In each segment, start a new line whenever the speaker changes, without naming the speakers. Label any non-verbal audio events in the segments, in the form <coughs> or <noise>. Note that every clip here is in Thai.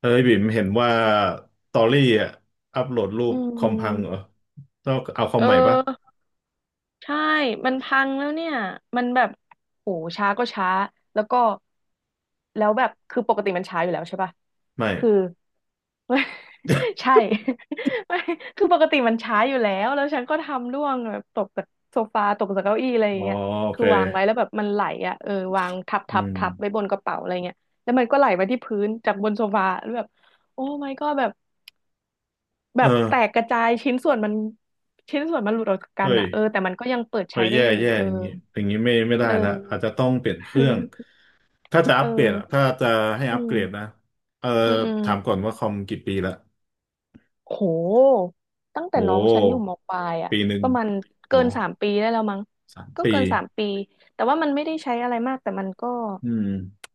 เฮ้ยบิ่มเห็นว่าตอรี่อ่ะอัปโหลดรู
อื
ปคอมพังเหรอ
ม
ต้องเอาคอ
เอ
มใหม่ปะ
อใช่มันพังแล้วเนี่ยมันแบบโหช้าก็ช้าแล้วก็แล้วแบบคือปกติมันช้าอยู่แล้วใช่ปะ
ไม่
คือ <laughs>
<laughs>
ใช่ <laughs> ไม่คือปกติมันช้าอยู่แล้วแล้วฉันก็ทำร่วงแบบตกจากโซฟาตกจากเก้าอี้อะไรอ
อ๋
ย่า
อ
งเงี้ย
โอ
คื
เค
อวางไว้แล้วแบบมันไหลอ่ะเออวางทับ
อื
ทับ
ม
ทับไว้บนกระเป๋าอะไรเงี้ยแล้วมันก็ไหลไปที่พื้นจากบนโซฟาแล้วแบบโอ้ my god แบบ แบ
เอ
บ
อ
แตกกระจายชิ้นส่วนมันหลุดออกจากกัน
เฮ้ย
อ่ะเออแต่มันก็ยังเปิด
เฮ้
ใช้
ย
ได้
แย่
อยู่
แย่
เออ
อย่างงี้อย่างงี้ไม่ได้
เอ
ละอาจ
อ
จะต้องเปลี่ยนเครื่องถ้าจะอั
เอ
ปเกรดอะ
อ
ถ้าจะให้
อื
อัปเกรดนะ
ม
เออ
อืมอืม
ถามก่อนว่าคอมกี่ปีละ
โหตั้งแต่
โอ
น้องฉันอยู่
้
มปลายอ่ะ
ปีหนึ่
ป
ง
ระมาณ
โอ้
เกินสามปีได้แล้วมั้ง
สาม
ก็
ปี
เกินสามปีแต่ว่ามันไม่ได้ใช้อะไรมากแต่มันก็
อืม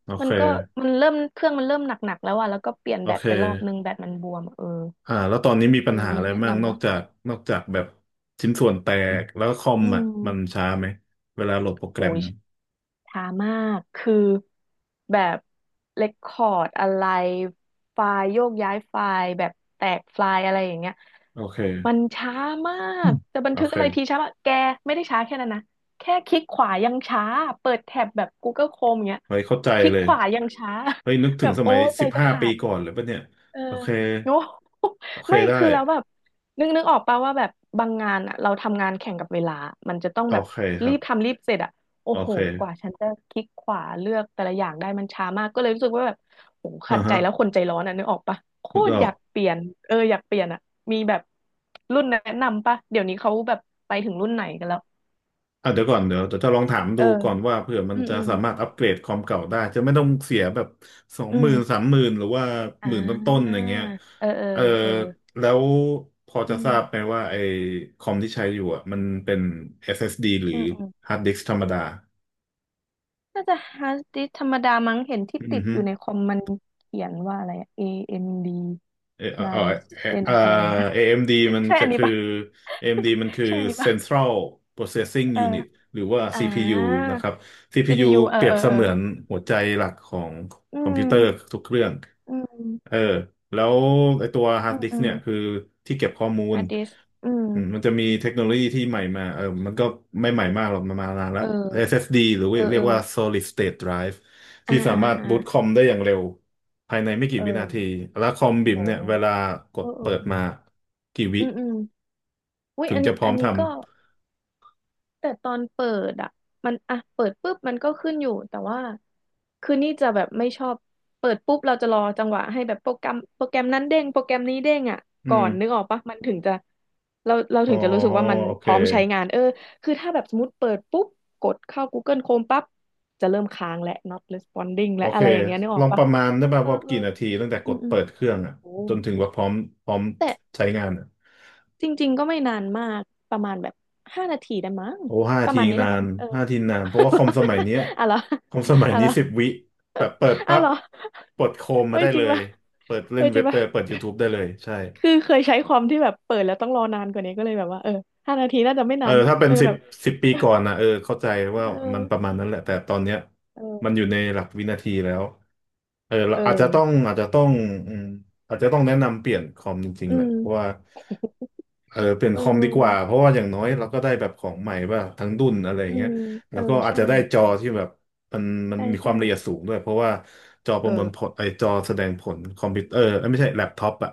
โอ
มั
เค
นก็มันเริ่มหนักๆแล้วอ่ะแล้วก็เปลี่ยน
โอ
แบต
เค
ไปรอบนึงแบตมันบวมอะเออ
อ่าแล้วตอนนี้มี
เอ
ปัญ
อ
หา
มี
อะไร
แนะ
บ้างน
นำ
อก
ปะ
จากนอกจากแบบชิ้นส่วนแตกแล้วคอม
อื
อ่ะมัน
ม
ช้าไหมเวลาโหลดโปรแก
โห
รม
ช้ามาก คือแบบเ e คคอร์ดอะไรไฟล์โยกย้ายไฟล์แบบแตกไฟล์อะไรอย่างเงี้ย
โอเค
มันช้ามา
อื
ก
ม
จะบัน
โอ
ทึก
เค
อะไรทีช้ามากแกไม่ได้ช้าแค่นั้นนะ แค่คลิกขวายังช้า เปิดแท็บแบบ Google Chrome อย่างเงี้ย
ไว้เข้าใจ
คลิก
เลย
ขวายังช้า
เฮ้ยนึก
<laughs>
ถึ
แบ
ง
บ
ส
โอ้
มัย
ใจ
สิบ
จะ
ห้า
ขา
ปี
ด
ก่อนเลยปะเนี่ย
เออ
โอเค
<laughs> โอ้ <laughs>
โอเค
ไม่
ได้
คือแล้วแบบนึกออกป่ะว่าแบบบางงานอะเราทำงานแข่งกับเวลา มันจะต้อง
โอ
แบบ
เคค
รี
รั
บ
บ
ทำรีบเสร็จอะโอ้
โอ
โห
เค
กว่าฉันจะคลิกขวาเลือกแต่ละอย่างได้มันช้ามากก็เลยรู้สึกว่าแบบโห
อ่า
ขัดใจ
ฮะ
แล้วคนใจร้อนอะนึกออกป่ะโค
นึก
ต
อ
ร
อ
อ
ก
ยากเปลี่ยนเอออยากเปลี่ยนอะมีแบบรุ่นแนะนำป่ะเดี๋ยวนี้เขาแบบไปถึงรุ่นไหนกันแล้ว
อ่ะเดี๋ยวก่อนเดี๋ยวจะลองถาม
เอ
ดู
อ
ก่อนว่าเผื่อมั
อื
น
ม
จะ
อืม
สามารถอัปเกรดคอมเก่าได้จะไม่ต้องเสียแบบสอง
อื
หมื่นสา
ม
มหมื่นหรือว่า
อ่
หมื่นต้น
า
ๆอย่างเงี้ย
เออเออ
เออ
เออ
แล้วพอจะ
อื
ทราบไหม
ม
ว่าไอ้คอมที่ใช้อยู่อ่ะมันเป็น SSD หรือ
อืมอืม
ฮาร์ดดิสก์ธรรมดา
น่าจะฮาร์ดดิสก์ธรรมดามั้งเห็นที่ติ
อือ
ด
ฮึ
อยู่ในคอมมันเขียนว่าอะไรอะ AMD
เออเออ
Ryzen
เอ่อ
อะไรเงี้ย
AMD มดีมัน
<laughs> ใช่
จะ
อันนี้
คือ
ปะ
AMD มดีมันคื
<laughs>
อ
ใช่อันนี้ปะ
Central Processing
เออ
Unit หรือว่า
อ่
CPU
า
นะครับ CPU
CPU เอ
เป
อ
รียบ
เออ
เส
เอ
มื
อ
อนหัวใจหลักของ
อื
คอมพิวเตอร์
ม
ทุกเครื่อง
อื
เออ
ม
แล้วไอตัวฮา
อื
ร์ด
ม
ดิส
อื
ก์
ม
เนี่ยคือที่เก็บข้อมูล
ฮาร์ดดิสก์อืม
อืมมันจะมีเทคโนโลยีที่ใหม่มาเออมันก็ไม่ใหม่มากหรอกมันมานานแล้ว
เออ
SSD หรือ
เออ
เรี
เอ
ย
อ
กว่า Solid State Drive
อ่า
ที่สา
อ่า
มารถ
อ่า
บูตคอมได้อย่างเร็ว ภายในไม่กี่
เอ
วินาที
อ
แล้วคอมบิ่ม
โอ้
เนี่ยเวลาก
เอ
ด
อเออ
เปิด
เอ
มา
อ
กี่วิ
อืมอืมอุ้ย
ถึง
อัน
จะ
นี้
พร้อ
อั
ม
น
ท
นี้ก็ แต่ตอนเปิดอ่ะมันอ่ะเปิดปุ๊บมันก็ขึ้นอยู่แต่ว่าคือนี่จะแบบไม่ชอบเปิดปุ๊บเราจะรอจังหวะให้แบบโปรแกรมโปรแกรมนั้นเด้งโปรแกรมนี้เด้งอ่ะ
ำ อื
ก่อ
ม
นนึกออกปะมันถึงจะเรา
อ๋อ
ถึงจะรู้สึกว่ามัน
โอ
พ
เค
ร้อมใช้งานเออคือถ้าแบบสมมติเปิดปุ๊บกดเข้า Google Chrome ปั๊บจะเริ่มค้างและ not responding
โอ
และ
เค
อะไรอย่างเงี้ยนึกอ
ล
อ
อ
ก
งป
ปะ
ระมาณได้
เออ
ป่ะ
เออ
ว่า
เออ
กี่นาทีตั้งแต่ก
อืม
ด
อืม
เปิดเครื่องอ่ะ
โอ้
จนถึงว่าพร้อมพร้อม
แต่
ใช้งานอ่ะ
จริงๆก็ไม่นานมากประมาณแบบห้านาทีได้มั้ง
โอ้ห้า
ประ
ที
มาณนี้
นา
ละมั้
น
งเออ
ห้าทีนาน เพราะว่าคอมสมัยเนี้ย
<laughs> อะไรอ
คอมสมัย
อะ
นี้
ไรอ
สิบวิแบบเปิด
อะ
ปั๊บ
ไรอ
เปิดโคมมา
เฮ้ย
ได้
จ
เล
ริง
ย
ปะ
เปิดเล่
เฮ้
น
ยจ
เว็
ริ
บ
ง
ได้
ปะ
เลยเปิด YouTube ได้เลยใช่
คือเคยใช้ความที่แบบเปิดแล้วต้องรอนานกว่านี้ก็เลยแบบว่าเออห้านาทีน่าจะไม่
เอ
นา
อ
นมั้ง
ถ้าเป็น
เออ
สิบ
แบบ
สิบปีก่อนนะเออเข้าใจ
<laughs>
ว่า
เ
มันประ
ออ
มาณนั้นแหละแต่ตอนเนี้ยมันอ
เออ
ยู่ในหลักวินาทีแล้วเออเรา
เอ
อาจจะ
อ
ต้องอาจจะต้องอืมอาจจะต้องแนะนำเปลี่ยนคอมจริง
อื
ๆแหละ
ม
เพราะว่าเออเปลี่ยน
เอ
คอมดีกว่าเพ
อ
ราะว่าอย่างน้อยเราก็ได้แบบของใหม่ป่ะทั้งรุ่นอะไรอ
อื
ย่างเงี้ย
มเอ
แล้
อ
วก็อาจ
ใช่
จะได้จอที่แบบมันมัน
ใช่
มีค
ใช่
วามละเอียดสูงด้วยเพราะว่าจอป
เอ
ระมวลผล
อ
ไอจอแสดงผลคอมพิวเตอร์เอ้ยไม่ใช่แล็ปท็อปอะ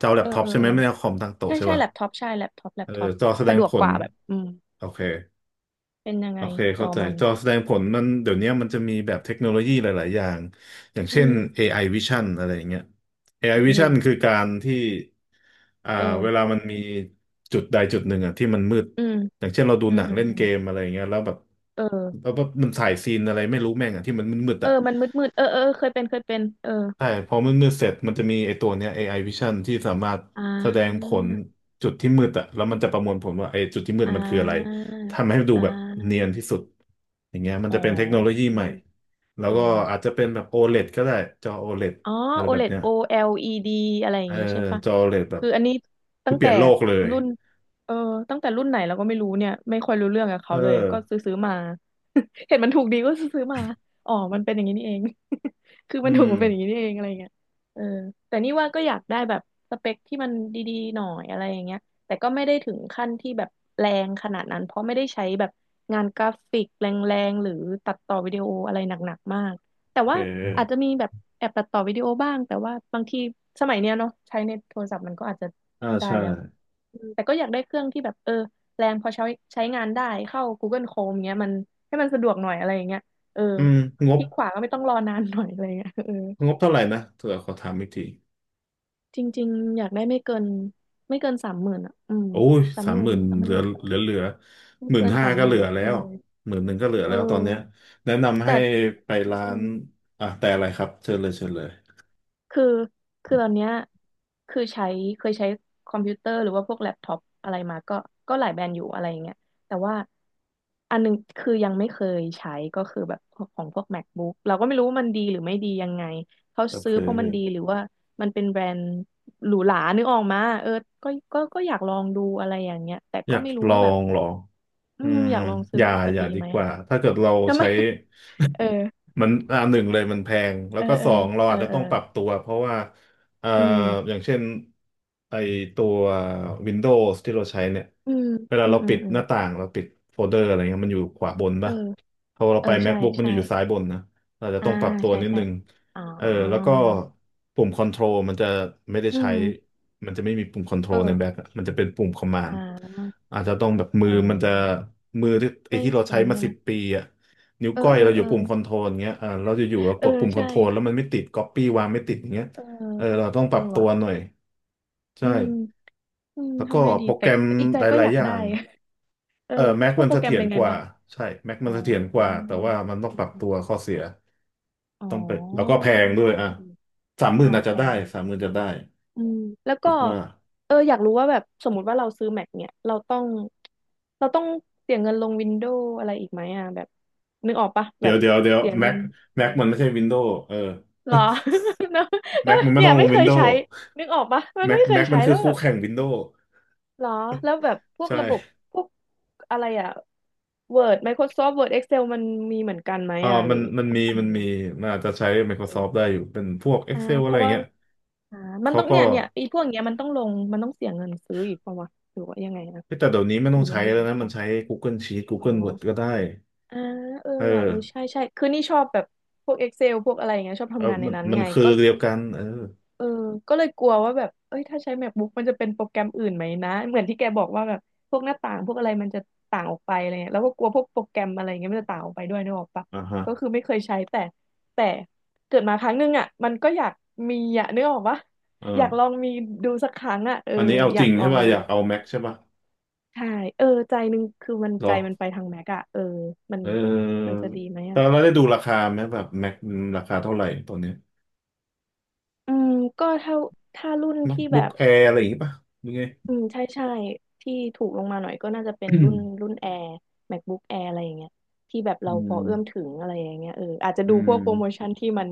จอแล็
เอ
ป
อ
ท็อป
เออ
ใช่ไห
เอ
ม
อ
ไม่ใช่คอมตั้งโต๊ะ
ใช่
ใช่
ใช่
ป่ะ
แล็ปท็อปใช่แล็ปท็อปแล็
เอ
ป
อ
ท็อป
จอแสด
สะ
ง
ดว
ผ
กก
ล
ว่าแบบอืม
โอเค
เป็นยัง
โอ
ไง
เค
จ
เข้า
อ
ใจ
มัน
จอแสดงผลมันเดี๋ยวนี้มันจะมีแบบเทคโนโลยีหลาย ๆ อย่าง อย่าง
อื
เช่น
ม
AI Vision อะไรอย่างเงี้ย AI
อื
Vision คื
ม
อการที่อ่าเวลา
เออ
มันมีจุดใดจุดหนึ่งอ่ะที่มันมืด
อืม
อย่างเช่นเราดู
อื
ห
ม
นัง
อืม
เล่น
อื
เก
ม
มอะไรอย่างเงี้ยแล้วแบบ
เออ
มันถ่ายซีนอะไรไม่รู้แม่งอ่ะที่มันมืดๆ
เออ
อ่ะ
มันมืดมืดเออเออเออเคยเป็นเคยเป็นเออ
ใช่พอมืดๆเสร็จมันจะมีไอ้ตัวเนี้ย AI Vision ที่สามารถ
อ่า
แสดงผลจุดที่มืดอะแล้วมันจะประมวลผลว่าไอ้จุดที่มืด
อ่
มันคืออะไร
า
ทำให้ดู
อ่า
แบบเนียนที่สุดอย่างเงี้ยมัน
อ๋
จะเป็นเทคโนโล
อ
ยีใหม่แล้ว
เอ
ก็อาจ
อ
จะเป็นแบบ OLED ก็ได้จอ OLED
อ๋อ
อแอลอีดีอะไรแบบเนี้ย
OLED O L E D อะไรอ
เอ
ย่าง
อ
งี้ใช่ปะ
จอ OLED แอลอีดีแบบ
คืออันนี้
คื
ตั้
อ
ง
เป
แต่
ลี่ยนโลกเลย
รุ่นเออตั้งแต่รุ่นไหนเราก็ไม่รู้เนี่ยไม่ค่อยรู้เรื่องกับ
เอ
เขา
อ
เลยก็ซื้อซื้อมา <laughs> เห็นมันถูกดีก็ซื้อซื้อมา อ๋อมันเป็นอย่างนี้นี่เอง <laughs> คือ
อื
มันถู
ม
กมันเป็นอย่างนี้นี่เองอะไรเงี้ยเออแต่นี่ว่าก็อยากได้แบบสเปคที่มันดีๆหน่อยอะไรอย่างเงี้ยแต่ก็ไม่ได้ถึงขั้นที่แบบแรงขนาดนั้นเพราะไม่ได้ใช้แบบงานกราฟิกแรงๆหรือตัดต่อวิดีโออะไรหนักๆมาก แต่
โอเค
ว่าอาจจะมีแบบแอบตัดต่อวิดีโอบ้างแต่ว่าบางทีสมัยเนี้ยเนาะใช้ในโทรศัพท์มันก็อาจจะ
อ่า
ได้
ใช่
แล้วอืมแต่ก็อยากได้เครื่องที่แบบเออแรงพอใช้ใช้งานได้เข้า Google Chrome เงี้ยมันให้มันสะดวกหน่อยอะไรอย่างเงี้ยเออ
อืมง
ค
บ
ลิกขวาก็ไม่ต้องรอนานหน่อยอะไรเงี้ย <laughs> เออ
งบเท่าไหร่นะเดี๋ยวขอถามอีกที
จริงๆอยากได้ไม่เกินสามหมื่นอ่ะอืม
โอ้ย
สาม
สา
ห
ม
มื่
ห
น
มื่น
สามห
เห
มื่น
ลื
ห
อ
นึ่
เหลือ
ง
เหลือ
ไม่
หมื่น
เกิน
ห้า
สาม
ก็
ห
เห
มื่
ลื
น
อแล้
เอ
ว
อ
หมื่นหนึ่งก็เหลือ
เอ
แล้วตอนเนี้ย
อ
แนะนำ
แต่
ให้ไป
อื
ร้าน
ม
อ่ะแต่อะไรครับเชิญเลยเชิญเลย
คือคือตอนเนี้ยคือใช้เคยใช้คอมพิวเตอร์หรือว่าพวกแล็ปท็อปอะไรมาก็หลายแบรนด์อยู่อะไรอย่างเงี้ยแต่ว่าอันหนึงคือยังไม่เคยใช้ก็คือแบบของพวก MacBook เราก็ไม่รู้ว่ามันดีหรือไม่ดียังไงเขา
โอ
ซื้
เค
อเพราะมันดีหรือว่ามันเป็นแบรนด์หรูหรานึกออกมาเออก็อยากลองดูอะไรอย่างเงี้ยแต่
อ
ก็
ยาก
ไม่รู้
ลอ
ว่าแบบ
งเหรอ
อื
อื
ม
ม
อยากลองซื้
อ
อ
ย่า
มันจะ
อย่า
ดี
ดี
ไหม
ก
อะ
ว่าถ้าเกิดเรา
ทำไม
ใช้
<laughs> เออ
มันอ่าหนึ่งเลยมันแพงแล้
เอ
ว
อ
ก็
เอ
ส
อ
องเรา
เออ
อาจจะ
เออ
ต้องปรับตัวเพราะว่าเอ่อ
อื
อ
ม
ย่างเช่นไอตัว Windows ที่เราใช้เนี่ย
อืม
เวลา
อืม
เรา
อื
ปิ
ม
ด
อื
ห
ม
น้าต่างเราปิดโฟลเดอร์อะไรเงี้ยมันอยู่ขวาบน
เออ
ป่ะพอเรา
เออ
ไป
ใช่
MacBook มันอ
ใช่
ยู่อยู่ซ้ายบนนะเราจะ
อ่า
ต้องปรับตัว
ใช่
นิด
ใช่
นึง
อ๋อ
เออแล้วก็ปุ่มคอนโทรลมันจะไม่ได้
อื
ใช้
ม
มันจะไม่มีปุ่มคอนโทร
เอ
ลใน
อ
แบ็คอะมันจะเป็นปุ่มคอมมา
อ่
นด์
า
อาจจะต้องแบบมื
อ๋
อมันจะ
อ
มือที่ไอ
ไม่
ที่เราใช้
คุ้น
มา
ใช่ไห
สิ
ม
บปีอ่ะ นิ้ว
เออ
ก้อย
เออ
เราอ
เอ
ยู่
อ
ปุ่มคอนโทรลเงี้ยเออเราจะอยู่ๆเรา
เอ
ก
อ
ดปุ่มคอน
ใช่
โทรลแล้วมันไม่ติดก๊อปปี้วางไม่ติดอย่างเงี้ย
เออ
เออเราต้องป
เอ
รั
อ
บตั
ว่ะ
วหน่อย
อื
ใช่
มอืม
แล้วก็
ทำไงดี
โปรแก
แต่
รม
แต่อีกใจ
ห
ก็
ลา
อ
ย
ยา
ๆ
ก
อย่า
ได้
ง
<laughs> เออ
เออแม็ก
พวก
มัน
โปร
เส
แกรม
ถีย
เป็
ร
นไง
กว่า
บ้าง
ใช่แม็ก
อ๋
มั
อ
นเสถียรก
อื
ว่า
ม
แต่ว่ามันต้อง
อื
ป
ม
รับตัว
อืม
ข้อเสีย
อ๋อ
ต้องไปแล้วก็แพ
เอ
ง
อ
ด้วย
เออ
อ่ะสามหมื่
อ่า
นอาจ
แพ
จะได้สามหมื่นจะได้
อืมแล้ว
คิ
ก็
ดว่า
เอออยากรู้ว่าแบบสมมุติว่าเราซื้อ Mac เนี่ยเราต้องเสียเงินลงวินโดว์อะไรอีกไหมอ่ะแบบนึกออกปะแบ
เดี๋ย
บ
วเดี๋ยวเดี๋ยว
เสีย
แม็
เงิ
ก
นอื
แม็ก
ม
มันไม่ใช่วินโด w ์เออ
หรอ <laughs> แล้วแล้
แม็
ว
กมันไม่
เนี่
ต้
ย
องล
ไม่
ง
เค
วิน
ย
โด
ใช้
w ์
นึกออกปะมัน
แม็ก
ไม่เคย
แม็กมั
ใช้
นคื
แล้
อ
วแบ
คู่
บ
แข่งวินโด w
หรอแล้วแบบพวก
ใช่
ระบบพวกอะไรอ่ะ Word Microsoft Word Excel มันมีเหมือนกันไหมอ่ะห
มั
รือ
นมัน
ต้อง
มี
ทำยั
มัน
งไง
มี
วะ
มันอาจจะใช้ Microsoft ได้อยู่เป็นพวก
อ่า
Excel
เพ
อะไรอ
ราะ
ย่าง
ว่า
เงี้ย
อ่ามัน
เขา
ต้อง
ก็
เนี่ยเนี่ยไอ้พวกเนี้ยมันต้องลงมันต้องเสียเงินซื้ออีกป่าวะหรือว่ายังไงนะ
เฮ้ยแต่เดี๋ยวนี้ไม่
ห
ต้อ
รื
ง
อมั
ใช้
นมี
แล้วนะ มันใช้ Google Sheet
อ๋อ
Google Word ก็ได้
อ่าเออ
เอ
ว่ะเออใช่
อ
ใช่คือนี่ชอบแบบพวก Excel พวกอะไรอย่างเงี้ยชอบ
เออ
ทำงานใน
มัน
นั้น
มัน
ไง
คือ
ก็
เดียวกันเออ
เออก็เลยกลัวว่าแบบเอ้ยถ้าใช้ MacBook มันจะเป็นโปรแกรมอื่นไหมนะเหมือนที่แกบอกว่าแบบพวกหน้าต่างพวกอะไรมันจะต่างออกไปอะไรเงี้ยแล้วก็กลัวพวกโปรแกรมอะไรเงี้ยมันจะต่างออกไปด้วยนึกออกปะ
ฮะ
ก็คือไม่เคยใช้แต่เกิดมาครั้งหนึงอ่ะมันก็อยากมีอ่ะนึกออกปะ
เอ
อยากลอ
อ
งมีดูสักครั้งอ่ะเออ
อันนี้เอา
อ
จ
ยา
ริ
ก
ง
ล
ใช่
อง
ป่ะ
ดู
อยากเอา Mac ใช่ป่ะ
ใช่เออใจหนึงคือมัน
เหรอ
ใจมันไปทางแม็กอะเออมัน
เออ
มันจะดีไหม
แต่
อะ
เราได้ดูราคาไหมแบบ Mac ราคาเท่าไหร่ตอนเนี้ย
อืมก็ถ้าถ้ารุ่นที่แบ
MacBook
บ
Air อะไรอย่างงี้ป่ะยังไง
อืมใช่ใช่ที่ถูกลงมาหน่อยก็น่าจะเป็น
อื
รุ่
ม
นรุ่น Air MacBook Air อะไรอย่างเงี้ยที่แบบ
<coughs> อื
เราพอ
ม
เอื้อมถึงอะไรอย่างเงี้ยเอออาจจะ
อื
ดูพ
ม
วกโปรโมชั่นที่มัน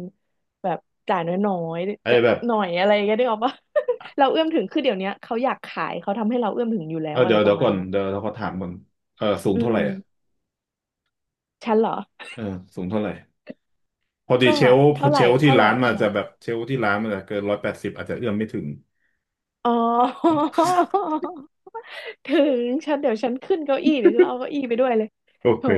แบบจ่ายน้อย
ไอ้
ๆจะ
แบบ
หน่อยอะไรอย่างเงี้ยได้ออกปะ <laughs> เราเอื้อมถึงคือเดี๋ยวเนี้ยเขาอยากขายเขาทำให้เราเอื้อมถึงอยู่แล้
เออ
วอะ
เดี๋
ไร
ยว
ป
เดี๋ย
ระ
ว
มา
ก่
ณ
อน
เนี้ย
เดี๋ยวเราขอถามก่อนเออสูง
อืม
เท่าไห
อื
ร่
ม
อะ
ฉันเหรอ
เออสูงเท่าไหร่พอดี
ก็
เชลฟ์พอ
เท่าไห
เช
ร่
ลฟ์ที่
เท่าไหร่
ร้านมั
เท่า
น
ไหร่
จะแบบเชลฟ์ที่ร้านมันจะเกิน180อาจจะเอื้อมไม่ถึง
อ๋อ <laughs> ถึงฉันเดี๋ยวฉันขึ้นเก้าอี้เดี๋ยวฉันเอาเก้าอี้ไปด้วยเลย
โอ
โถ
เค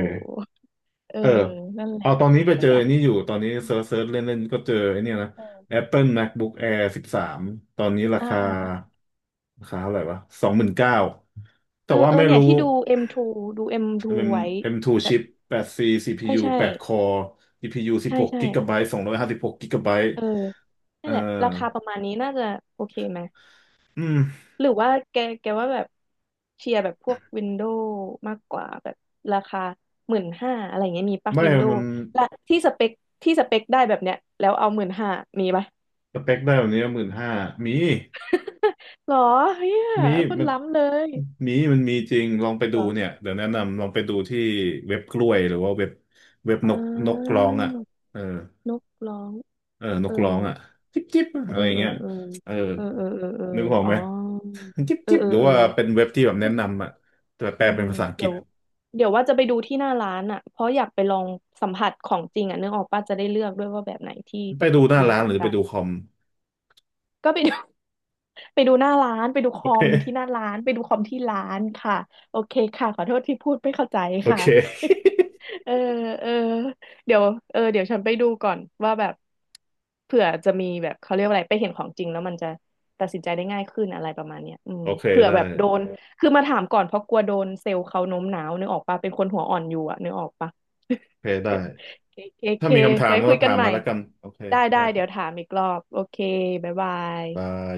เออ
เออ
นั่นแหละ
เอาตอนนี้ไป
ก็
เจอ
อยาก
นี่อยู่ตอนนี้เซิร์ชเซิร์ชเล่นๆก็เจอไอ้เนี่ยนะ
เออ
Apple MacBook Air 13ตอนนี้รา
อ่า
คา
อ่า
ราคาเท่าไหร่วะ29,000แต่
เออ
ว่า
เออ
ไม่
เนี่ย
รู้
ที่ดู M2 ดู M2
มัน
ไว้
M2
แบบ
chip 8C
ใช่
CPU
ใช่
8 core GPU
ใช่
16
ใช่
กิบหกะไบต์256กิกะไบต์
เออ
เอ่
นั่น
อ
แหละราคาประมาณนี้น่าจะโอเคไหม
อืม
หรือว่าแกว่าแบบเชียร์แบบพวกวินโดว์มากกว่าแบบราคาหมื่นห้าอะไรอย่างเงี้ยมีปะ
ไม่
วินโด
มั
ว์
น
และที่สเปคที่สเปคได้แบบเนี้ยแล้วเอาหมื่นห้ามีปะ
สเปคได้แบบนี้15,000มี
หรอเฮีย
มี
คน
มัน
ล้ำเลย
มีมันมีจริงลองไปดู
เหรอ
เนี่ยเดี๋ยวแนะนำลองไปดูที่เว็บกล้วยหรือว่าเว็บเว็บ
อ่
นกนกร้
า
องอ่ะเออ
นกร้อง
เออน
เอ
ก
อ
ร้องอ่ะจิ๊บจิ๊บอะ
เอ
ไร
อ
อย่าง
เออ
เงี้ย
เออ
เออ
เออเออเออเออ
นึกออก
อ๋
ไห
อ
ม <laughs> จิ๊บ
เออ
จิ๊บ
เออ
หรือ
เออ
ว่าเป็นเว็บที่แบบแนะ
คิด
นำอ่ะแต่แป
อื
ลเป็
ม
นภาษาอังก
เดี๋
ฤ
ย
ษ
วเดี๋ยวว่าจะไปดูที่หน้าร้านอ่ะเพราะอยากไปลองสัมผัสของจริงอ่ะนึกออกป้าจะได้เลือกด้วยว่าแบบไหนที่
ไปดูหน้า
ดี
ร้า
ก
นห
ว่า
รือไป
กัน
ดูคอม
ก็ไปดู ไปดูหน้าร้านไปดูค
โอ
อมที่ห
เค
น้าร้านไปดูคอมที่ร้านค่ะโอเคค่ะขอโทษที่พูดไม่เข้าใจ
โอ
ค่ะ
เค
<laughs> เออเออเดี๋ยวเออเดี๋ยวฉันไปดูก่อนว่าแบบเผื่อจะมีแบบเขาเรียกว่าอะไรไปเห็นของจริงแล้วมันจะตัดสินใจได้ง่ายขึ้นอะไรประมาณเนี้ยอืม
โอเค
เผื่อ
ได้
แบบโดนคือมาถามก่อนเพราะกลัวโดนเซลล์เขาโน้มน้าวนึกออกปะเป็นคนหัวอ่อนอยู่อะนึกออกปะ
โอเคได้
<laughs> เคเค
ถ้า
เค
มีคำถาม
ไว้
ก็
คุยกั
ถา
น
ม
ใหม่
มาแล้วกันโอเค
ได้ได้
ได้ครั
เดี๋ยว
บ
ถามอีกรอบโอเคบ๊ายบาย
บาย